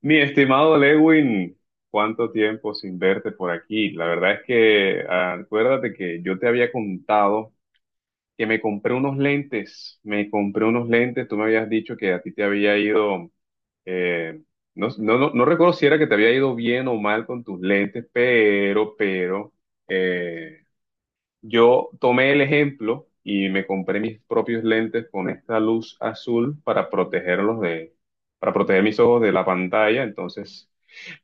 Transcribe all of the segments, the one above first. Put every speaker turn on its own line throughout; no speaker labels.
Mi estimado Lewin, cuánto tiempo sin verte por aquí. La verdad es que acuérdate que yo te había contado que me compré unos lentes, me compré unos lentes, tú me habías dicho que a ti te había ido, eh, no, no, no, no recuerdo si era que te había ido bien o mal con tus lentes, pero, eh, yo tomé el ejemplo y me compré mis propios lentes con esta luz azul para protegerlos de, para proteger mis ojos de la pantalla, entonces...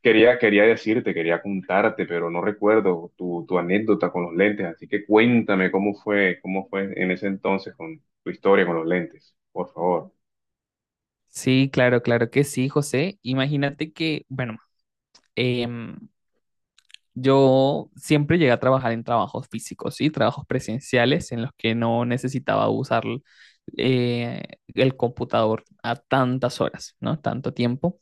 Quería, quería decirte, quería contarte, pero no recuerdo tu anécdota con los lentes, así que cuéntame cómo fue en ese entonces con tu historia con los lentes, por favor.
Sí, claro, claro que sí, José. Imagínate que, bueno, em, yo siempre llegué a trabajar en trabajos físicos, ¿sí? Trabajos presenciales en los que no necesitaba usar eh, el computador a tantas horas, ¿no? Tanto tiempo.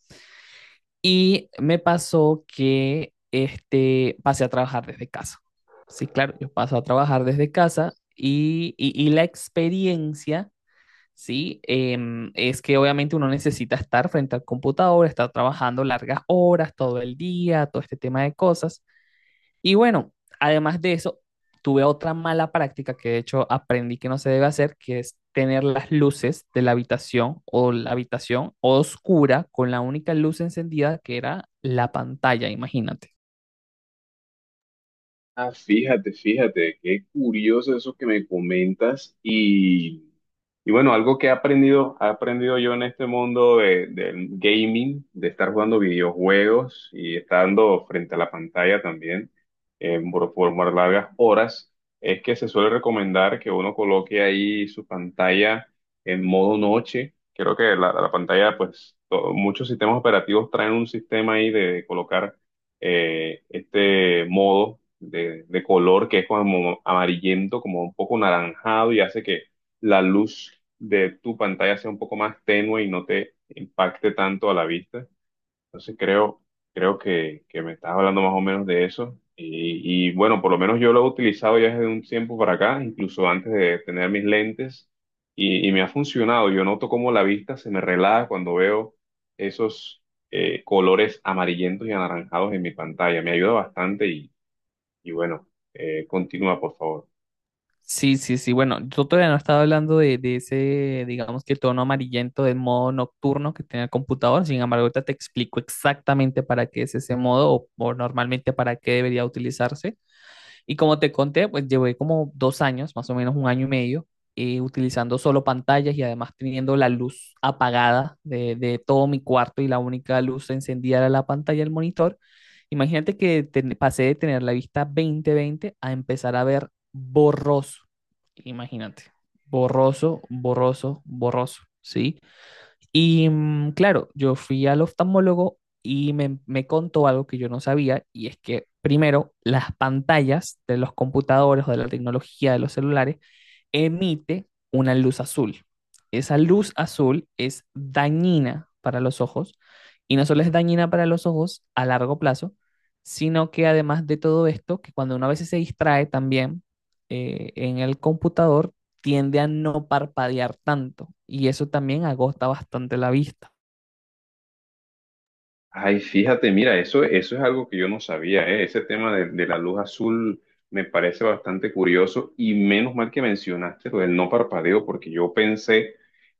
Y me pasó que pasé a trabajar desde casa. Sí, claro, yo paso a trabajar desde casa y la experiencia, ¿sí? Es que obviamente uno necesita estar frente al computador, estar trabajando largas horas, todo el día, todo este tema de cosas. Y bueno, además de eso, tuve otra mala práctica que de hecho aprendí que no se debe hacer, que es tener las luces de la habitación o la habitación oscura con la única luz encendida que era la pantalla, imagínate.
Ah, fíjate, fíjate, qué curioso eso que me comentas y bueno, algo que he aprendido yo en este mundo del gaming, de estar jugando videojuegos y estando frente a la pantalla también por más largas horas, es que se suele recomendar que uno coloque ahí su pantalla en modo noche. Creo que la pantalla, pues, muchos sistemas operativos traen un sistema ahí de colocar este modo de color que es como amarillento, como un poco naranjado y hace que la luz de tu pantalla sea un poco más tenue y no te impacte tanto a la vista. Entonces creo, creo que me estás hablando más o menos de eso. Y, y bueno, por lo menos yo lo he utilizado ya desde un tiempo para acá, incluso antes de tener mis lentes, y me ha funcionado. Yo noto cómo la vista se me relaja cuando veo esos colores amarillentos y anaranjados en mi pantalla. Me ayuda bastante y bueno, continúa, por favor.
Sí, sí, sí. Bueno, yo todavía no estaba hablando de ese, digamos, que tono amarillento del modo nocturno que tiene el computador. Sin embargo, ahorita te explico exactamente para qué es ese modo o normalmente para qué debería utilizarse. Y como te conté, pues llevé como 2 años, más o menos 1 año y medio, utilizando solo pantallas y además teniendo la luz apagada de todo mi cuarto y la única luz encendida era la pantalla del monitor. Imagínate que pasé de tener la vista 20-20 a empezar a ver borroso. Imagínate, borroso, borroso, borroso, ¿sí? Y claro, yo fui al oftalmólogo y me contó algo que yo no sabía, y es que primero, las pantallas de los computadores o de la tecnología de los celulares emite una luz azul. Esa luz azul es dañina para los ojos y no solo es dañina para los ojos a largo plazo, sino que además de todo esto, que cuando uno a veces se distrae también en el computador, tiende a no parpadear tanto y eso también agota bastante la vista.
Ay, fíjate, mira, eso es algo que yo no sabía, ¿eh? Ese tema de la luz azul me parece bastante curioso y menos mal que mencionaste lo del no parpadeo, porque yo pensé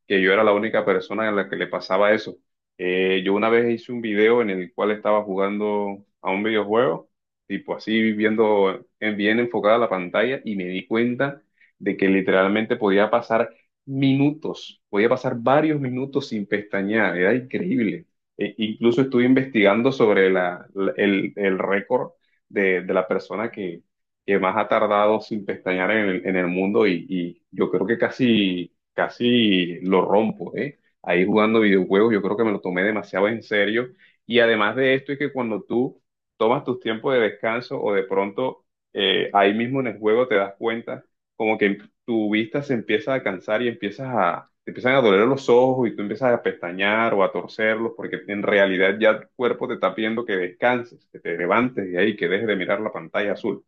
que yo era la única persona a la que le pasaba eso. Yo una vez hice un video en el cual estaba jugando a un videojuego, tipo así viendo bien enfocada la pantalla y me di cuenta de que literalmente podía pasar minutos, podía pasar varios minutos sin pestañear, era increíble. Incluso estuve investigando sobre el récord de la persona que más ha tardado sin pestañear en el mundo y yo creo que casi, casi lo rompo, ¿eh? Ahí jugando videojuegos, yo creo que me lo tomé demasiado en serio. Y además de esto es que cuando tú tomas tus tiempos de descanso o de pronto ahí mismo en el juego te das cuenta como que tu vista se empieza a cansar y empiezas a, te empiezan a doler los ojos y tú empiezas a pestañear o a torcerlos porque en realidad ya tu cuerpo te está pidiendo que descanses, que te levantes de ahí, que dejes de mirar la pantalla azul.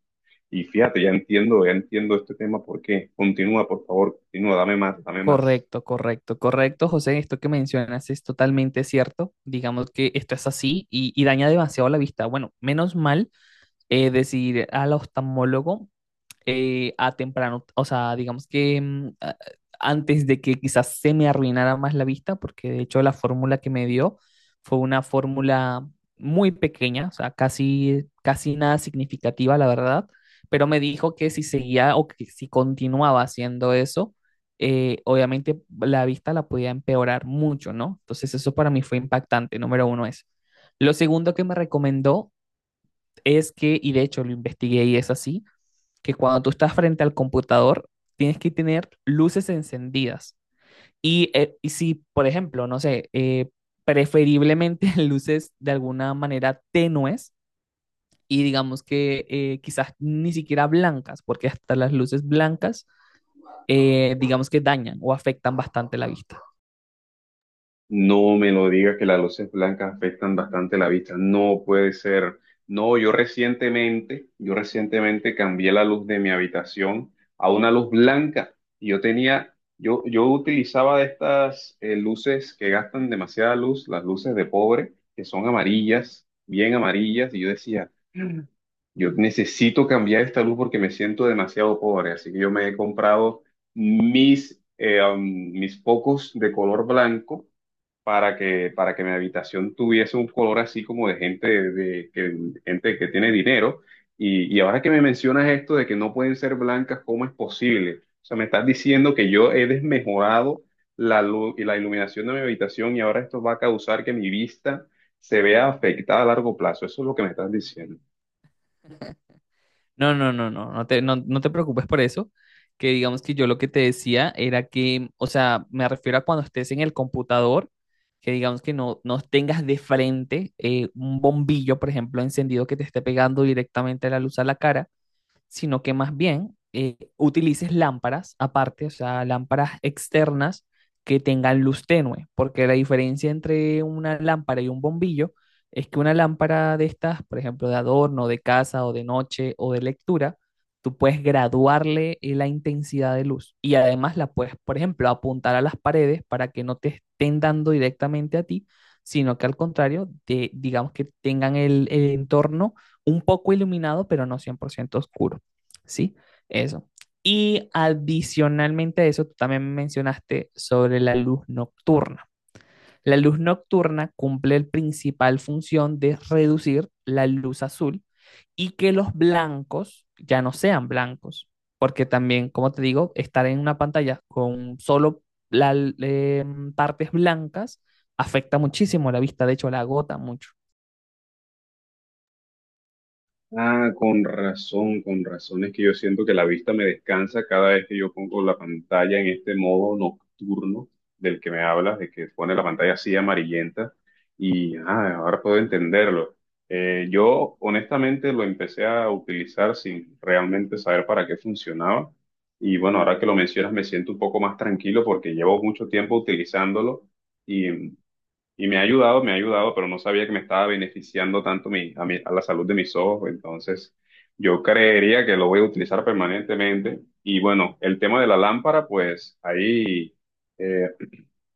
Y fíjate, ya entiendo este tema, ¿por qué? Continúa, por favor, continúa, dame más, dame más.
Correcto, correcto, correcto, José. Esto que mencionas es totalmente cierto. Digamos que esto es así y daña demasiado la vista. Bueno, menos mal es decir, al oftalmólogo a temprano, o sea, digamos que antes de que quizás se me arruinara más la vista, porque de hecho la fórmula que me dio fue una fórmula muy pequeña, o sea, casi, casi nada significativa, la verdad, pero me dijo que si seguía o que si continuaba haciendo eso, obviamente la vista la podía empeorar mucho, ¿no? Entonces eso para mí fue impactante, número uno es. Lo segundo que me recomendó es que, y de hecho lo investigué y es así, que cuando tú estás frente al computador, tienes que tener luces encendidas. Y si, por ejemplo, no sé, preferiblemente luces de alguna manera tenues y digamos que quizás ni siquiera blancas, porque hasta las luces blancas, digamos que dañan o afectan bastante la vista.
No me lo digas que las luces blancas afectan bastante la vista. No puede ser. No, yo recientemente cambié la luz de mi habitación a una luz blanca. Y yo tenía, yo utilizaba de estas luces que gastan demasiada luz, las luces de pobre, que son amarillas, bien amarillas. Y yo decía, "Mm, yo necesito cambiar esta luz porque me siento demasiado pobre. Así que yo me he comprado mis, eh, um, mis focos de color blanco para que mi habitación tuviese un color así como de gente, de, que, gente que tiene dinero. Y ahora que me mencionas esto de que no pueden ser blancas, ¿cómo es posible? O sea, me estás diciendo que yo he desmejorado la luz y la iluminación de mi habitación y ahora esto va a causar que mi vista se vea afectada a largo plazo. Eso es lo que me estás diciendo.
No, no, no, no, no te preocupes por eso, que digamos que yo lo que te decía era que, o sea, me refiero a cuando estés en el computador, que digamos que no tengas de frente un bombillo, por ejemplo, encendido que te esté pegando directamente la luz a la cara, sino que más bien utilices lámparas aparte, o sea, lámparas externas que tengan luz tenue, porque la diferencia entre una lámpara y un bombillo es que una lámpara de estas, por ejemplo, de adorno, de casa o de noche o de lectura, tú puedes graduarle la intensidad de luz y además la puedes, por ejemplo, apuntar a las paredes para que no te estén dando directamente a ti, sino que al contrario, digamos que tengan el entorno un poco iluminado, pero no 100% oscuro. ¿Sí? Eso. Y adicionalmente a eso, tú también mencionaste sobre la luz nocturna. La luz nocturna cumple la principal función de reducir la luz azul y que los blancos ya no sean blancos, porque también, como te digo, estar en una pantalla con solo la, eh, partes blancas afecta muchísimo la vista, de hecho la agota mucho.
Ah, con razón, con razón. Es que yo siento que la vista me descansa cada vez que yo pongo la pantalla en este modo nocturno del que me hablas, de que pone la pantalla así amarillenta. Y ahora puedo entenderlo. Yo honestamente lo empecé a utilizar sin realmente saber para qué funcionaba. Y bueno, ahora que lo mencionas me siento un poco más tranquilo porque llevo mucho tiempo utilizándolo y me ha ayudado, pero no sabía que me estaba beneficiando tanto a la salud de mis ojos. Entonces, yo creería que lo voy a utilizar permanentemente. Y bueno, el tema de la lámpara, pues ahí eh,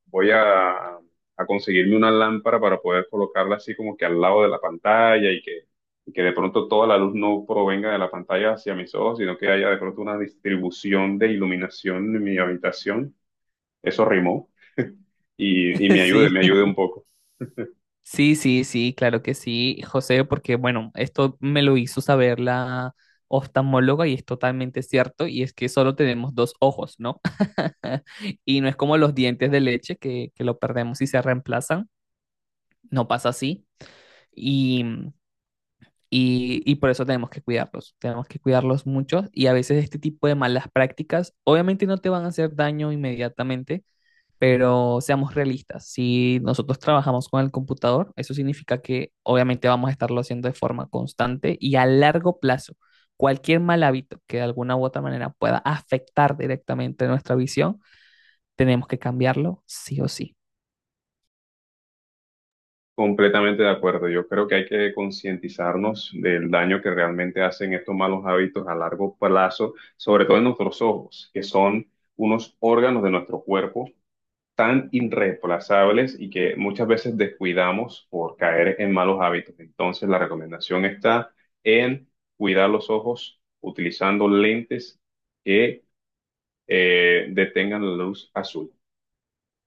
voy a conseguirme una lámpara para poder colocarla así como que al lado de la pantalla y que de pronto toda la luz no provenga de la pantalla hacia mis ojos, sino que haya de pronto una distribución de iluminación en mi habitación. Eso rimó y
Sí.
me ayude un poco.
Sí, sí, sí, claro que sí, José, porque bueno, esto me lo hizo saber la oftalmóloga y es totalmente cierto, y es que solo tenemos 2 ojos, ¿no? Y no es como los dientes de leche que lo perdemos y se reemplazan, no pasa así, y, y por eso tenemos que cuidarlos mucho, y a veces este tipo de malas prácticas obviamente no te van a hacer daño inmediatamente, pero seamos realistas, si nosotros trabajamos con el computador, eso significa que obviamente vamos a estarlo haciendo de forma constante y a largo plazo. Cualquier mal hábito que de alguna u otra manera pueda afectar directamente nuestra visión, tenemos que cambiarlo sí o sí.
Completamente de acuerdo. Yo creo que hay que concientizarnos del daño que realmente hacen estos malos hábitos a largo plazo, sobre todo en nuestros ojos, que son unos órganos de nuestro cuerpo tan irreemplazables y que muchas veces descuidamos por caer en malos hábitos. Entonces, la recomendación está en cuidar los ojos utilizando lentes que detengan la luz azul.